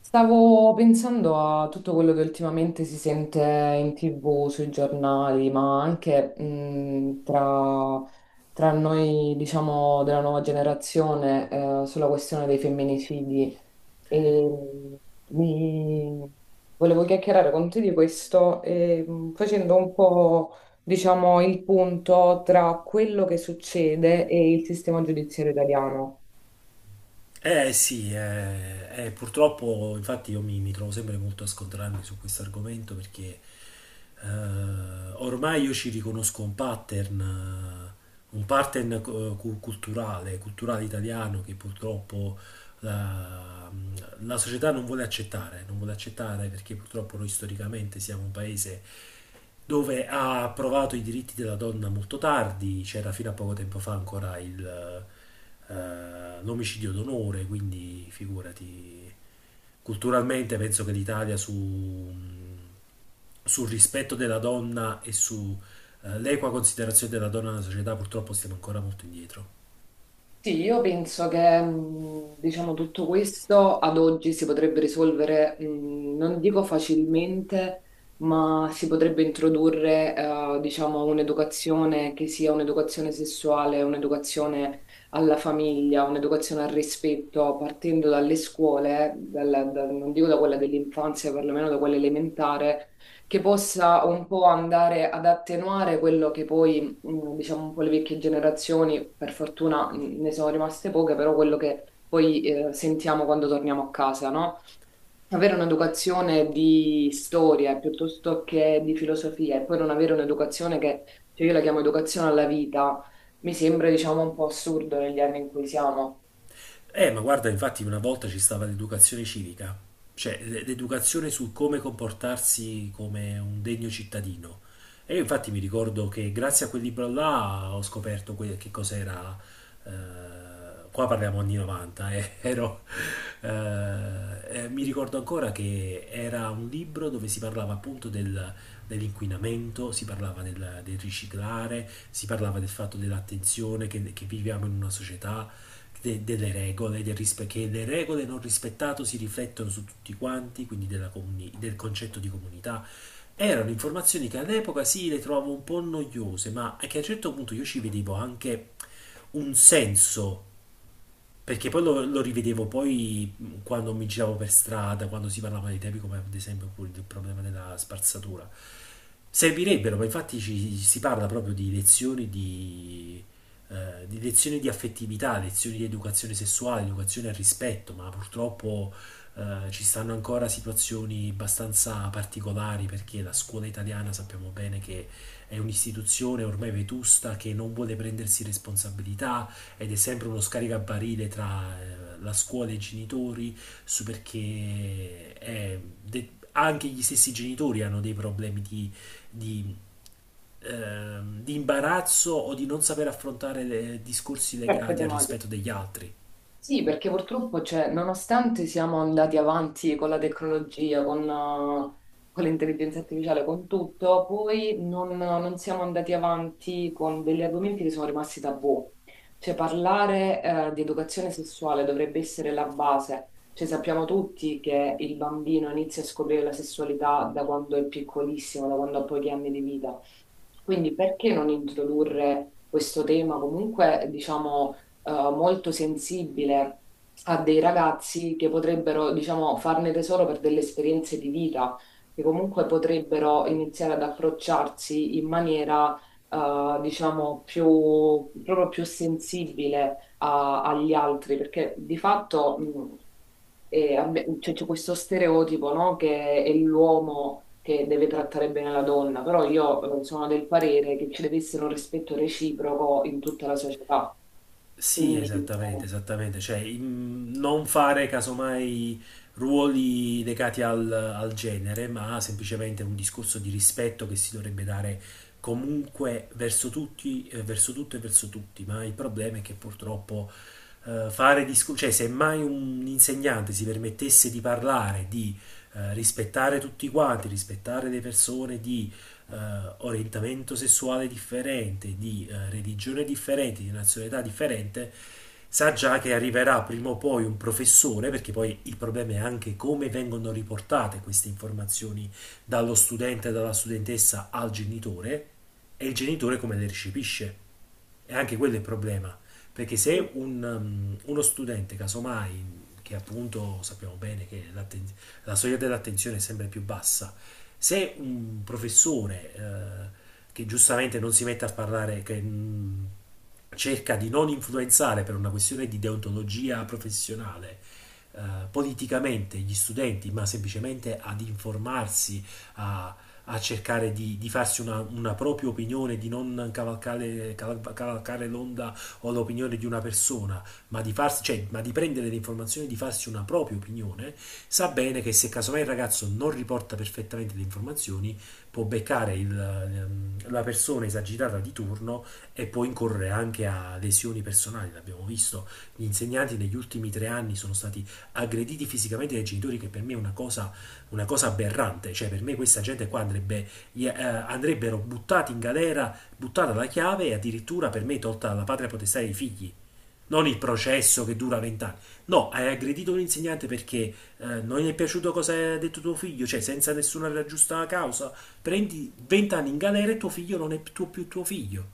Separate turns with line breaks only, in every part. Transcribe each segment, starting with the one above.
Stavo pensando a tutto quello che ultimamente si sente in TV, sui giornali, ma anche tra noi, diciamo, della nuova generazione, sulla questione dei femminicidi. E mi... Volevo chiacchierare con te di questo, e, facendo un po', diciamo, il punto tra quello che succede e il sistema giudiziario italiano.
Sì, Purtroppo infatti io mi trovo sempre molto a scontrarmi su questo argomento perché eh, ormai io ci riconosco un pattern culturale, culturale italiano che purtroppo la, la società non vuole accettare, non vuole accettare perché purtroppo noi storicamente siamo un paese dove ha approvato i diritti della donna molto tardi, c'era fino a poco tempo fa ancora il l'omicidio d'onore, quindi figurati, culturalmente penso che l'Italia sul rispetto della donna e sull'equa considerazione della donna nella società purtroppo stiamo ancora molto indietro.
Sì, io penso che diciamo, tutto questo ad oggi si potrebbe risolvere, non dico facilmente, ma si potrebbe introdurre diciamo, un'educazione che sia un'educazione sessuale, un'educazione alla famiglia, un'educazione al rispetto, partendo dalle scuole, non dico da quella dell'infanzia, perlomeno da quella elementare, che possa un po' andare ad attenuare quello che poi diciamo un po' le vecchie generazioni, per fortuna ne sono rimaste poche, però quello che poi sentiamo quando torniamo a casa, no? Avere un'educazione di storia piuttosto che di filosofia e poi non avere un'educazione che, cioè io la chiamo educazione alla vita, mi sembra, diciamo, un po' assurdo negli anni in cui siamo.
Ma guarda, infatti una volta ci stava l'educazione civica, cioè l'educazione su come comportarsi come un degno cittadino. E io infatti mi ricordo che grazie a quel libro là ho scoperto che cos'era, qua parliamo anni 90, mi ricordo ancora che era un libro dove si parlava appunto dell'inquinamento, si parlava del riciclare, si parlava del fatto dell'attenzione che viviamo in una società delle regole, del che le regole non rispettate si riflettono su tutti quanti, quindi della del concetto di comunità. Erano informazioni che all'epoca sì le trovavo un po' noiose, ma che a un certo punto io ci vedevo anche un senso perché lo rivedevo poi quando mi giravo per strada, quando si parlava dei temi come ad esempio pure del problema della spazzatura. Servirebbero, ma infatti si parla proprio di lezioni di lezioni di affettività, lezioni di educazione sessuale, educazione al rispetto, ma purtroppo ci stanno ancora situazioni abbastanza particolari perché la scuola italiana sappiamo bene che è un'istituzione ormai vetusta che non vuole prendersi responsabilità ed è sempre uno scaricabarile tra la scuola e i genitori, su perché è anche gli stessi genitori hanno dei problemi di, di imbarazzo o di non saper affrontare discorsi legati
Certo.
al rispetto degli altri.
Sì, perché purtroppo, cioè, nonostante siamo andati avanti con la tecnologia, con l'intelligenza artificiale, con tutto, poi non siamo andati avanti con degli argomenti che sono rimasti tabù. Cioè, parlare, di educazione sessuale dovrebbe essere la base. Cioè, sappiamo tutti che il bambino inizia a scoprire la sessualità da quando è piccolissimo, da quando ha pochi anni di vita. Quindi perché non introdurre questo tema comunque, diciamo molto sensibile a dei ragazzi che potrebbero, diciamo, farne tesoro per delle esperienze di vita, che comunque potrebbero iniziare ad approcciarsi in maniera, diciamo, più, proprio più sensibile agli altri, perché di fatto... cioè, c'è questo stereotipo, no? Che è l'uomo che deve trattare bene la donna, però io sono del parere che ci deve essere un rispetto reciproco in tutta la società.
Sì,
Quindi eh,
esattamente, esattamente. Cioè, non fare casomai ruoli legati al genere, ma semplicemente un discorso di rispetto che si dovrebbe dare comunque verso tutti, verso tutto e verso tutti. Ma il problema è che purtroppo fare discorsi, cioè, se mai un insegnante si permettesse di parlare, di rispettare tutti quanti, rispettare le persone, di eh, orientamento sessuale differente, di religione differente, di nazionalità differente, sa già che arriverà prima o poi un professore, perché poi il problema è anche come vengono riportate queste informazioni dallo studente, dalla studentessa al genitore, e il genitore come le recepisce. E anche quello è il problema, perché se un, um, uno studente, casomai, che appunto sappiamo bene che la soglia dell'attenzione è sempre più bassa, se un professore che giustamente non si mette a parlare, cerca di non influenzare per una questione di deontologia professionale, eh, politicamente gli studenti, ma semplicemente ad informarsi, a a cercare di farsi una propria opinione, di non cavalcare, cavalcare l'onda o l'opinione di una persona, ma farsi, cioè, ma di prendere le informazioni, di farsi una propria opinione, sa bene che se casomai il ragazzo non riporta perfettamente le informazioni, può beccare la persona esagitata di turno e può incorrere anche a lesioni personali. L'abbiamo visto, gli insegnanti negli ultimi tre anni sono stati aggrediti fisicamente dai genitori, che per me è una cosa aberrante, cioè per me questa gente qua andrebbe, andrebbero buttati in galera, buttata la chiave e addirittura per me tolta la patria potestà dei figli. Non il processo che dura vent'anni. No, hai aggredito un insegnante perché non gli è piaciuto cosa ha detto tuo figlio, cioè senza nessuna giusta causa. Prendi vent'anni in galera e tuo figlio non è più tuo figlio,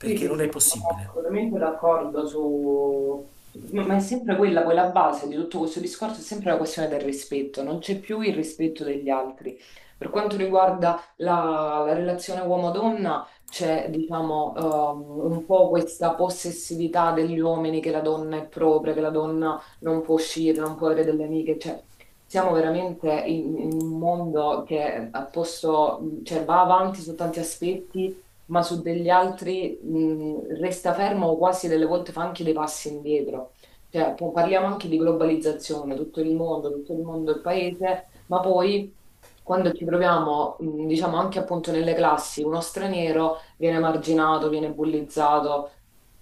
Sì, sì,
non
sì,
è
no, sono
possibile.
assolutamente d'accordo su... Ma è sempre quella, poi la base di tutto questo discorso è sempre la questione del rispetto, non c'è più il rispetto degli altri. Per quanto riguarda la relazione uomo-donna, c'è, diciamo, un po' questa possessività degli uomini che la donna è propria, che la donna non può uscire, non può avere delle amiche, cioè siamo veramente in un mondo che ha posto, cioè, va avanti su tanti aspetti ma su degli altri resta fermo o quasi delle volte fa anche dei passi indietro. Cioè, parliamo anche di globalizzazione, tutto il mondo è il paese, ma poi quando ci troviamo, diciamo anche appunto nelle classi, uno straniero viene marginato, viene bullizzato.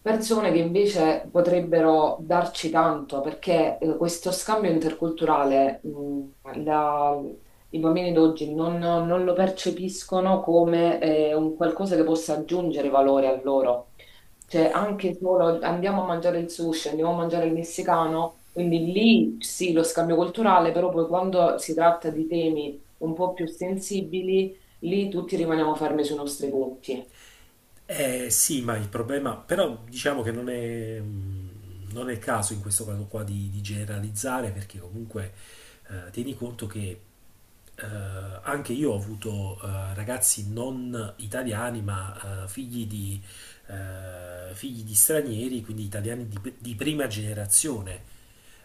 Persone che invece potrebbero darci tanto, perché questo scambio interculturale, la- i bambini d'oggi non lo percepiscono come un qualcosa che possa aggiungere valore a loro. Cioè, anche solo andiamo a mangiare il sushi, andiamo a mangiare il messicano, quindi lì sì, lo scambio culturale, però poi quando si tratta di temi un po' più sensibili, lì tutti rimaniamo fermi sui nostri punti.
Eh sì, ma il problema, però diciamo che non è, non è il caso in questo caso qua di generalizzare perché comunque tieni conto che eh, anche io ho avuto ragazzi non italiani ma figli figli di stranieri, quindi italiani di prima generazione.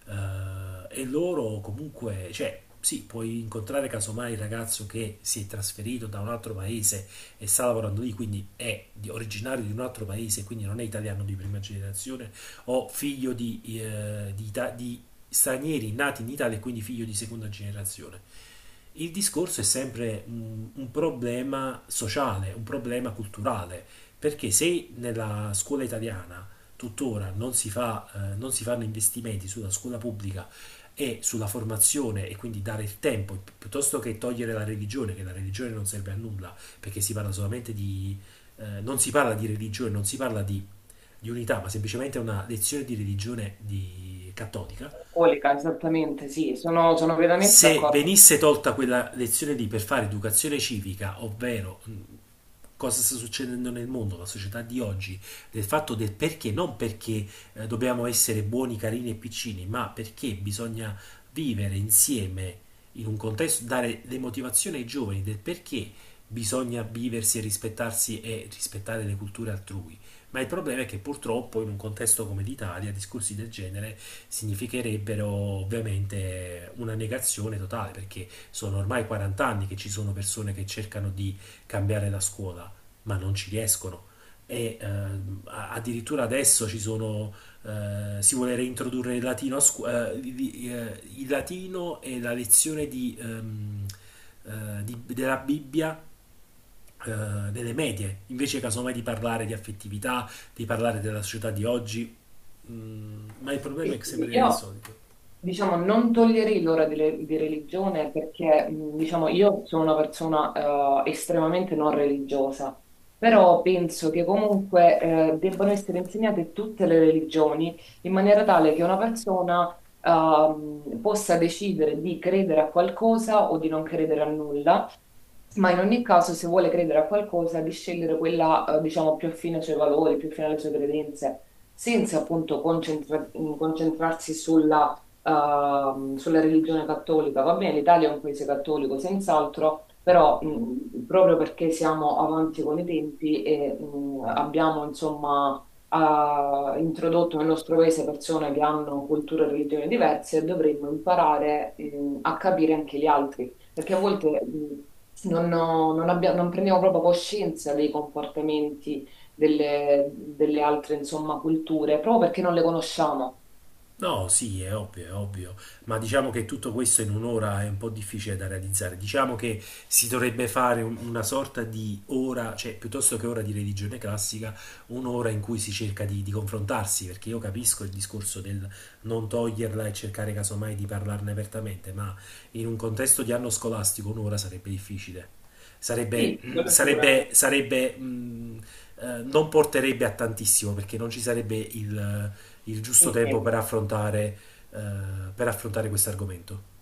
E loro comunque, cioè, sì, puoi incontrare casomai il ragazzo che si è trasferito da un altro paese e sta lavorando lì, quindi è originario di un altro paese, quindi non è italiano di prima generazione, o figlio di stranieri nati in Italia e quindi figlio di seconda generazione. Il discorso è sempre un problema sociale, un problema culturale, perché se nella scuola italiana tuttora non si fa, non si fanno investimenti sulla scuola pubblica e sulla formazione e quindi dare il tempo, piuttosto che togliere la religione, che la religione non serve a nulla, perché si parla solamente di... non si parla di religione, non si parla di unità, ma semplicemente una lezione di religione cattolica,
Colica, esattamente, sì, sono, sono veramente
se
d'accordo.
venisse tolta quella lezione lì per fare educazione civica, ovvero cosa sta succedendo nel mondo, la società di oggi, del fatto del perché, non perché dobbiamo essere buoni, carini e piccini, ma perché bisogna vivere insieme in un contesto, dare le motivazioni ai giovani del perché bisogna viversi e rispettarsi e rispettare le culture altrui, ma il problema è che purtroppo in un contesto come l'Italia discorsi del genere significherebbero ovviamente una negazione totale, perché sono ormai 40 anni che ci sono persone che cercano di cambiare la scuola, ma non ci riescono. E addirittura adesso ci sono, si vuole reintrodurre il latino, a il latino e la lezione della Bibbia delle medie, invece casomai di parlare di affettività, di parlare della società di oggi, mm, ma il problema
Sì,
è sempre il
io,
solito.
diciamo, non toglierei l'ora di, di religione perché, diciamo, io sono una persona estremamente non religiosa, però penso che comunque debbano essere insegnate tutte le religioni in maniera tale che una persona possa decidere di credere a qualcosa o di non credere a nulla. Ma in ogni caso, se vuole credere a qualcosa, di scegliere quella, diciamo, più affine ai suoi valori, più affine alle sue credenze senza appunto concentrarsi sulla, sulla religione cattolica. Va bene, l'Italia è un paese cattolico, senz'altro, però proprio perché siamo avanti con i tempi e abbiamo insomma ha introdotto nel nostro paese persone che hanno culture e religioni diverse, dovremmo imparare, a capire anche gli altri, perché a volte, non prendiamo proprio coscienza dei comportamenti delle altre, insomma, culture, proprio perché non le conosciamo.
No, sì, è ovvio, ma diciamo che tutto questo in un'ora è un po' difficile da realizzare. Diciamo che si dovrebbe fare una sorta di ora, cioè piuttosto che ora di religione classica, un'ora in cui si cerca di confrontarsi, perché io capisco il discorso del non toglierla e cercare casomai di parlarne apertamente, ma in un contesto di anno scolastico un'ora sarebbe difficile.
Sì, quello sicuramente,
Sarebbe, mm, non porterebbe a tantissimo perché non ci sarebbe il giusto
il
tempo
tempo.
eh, per affrontare questo argomento.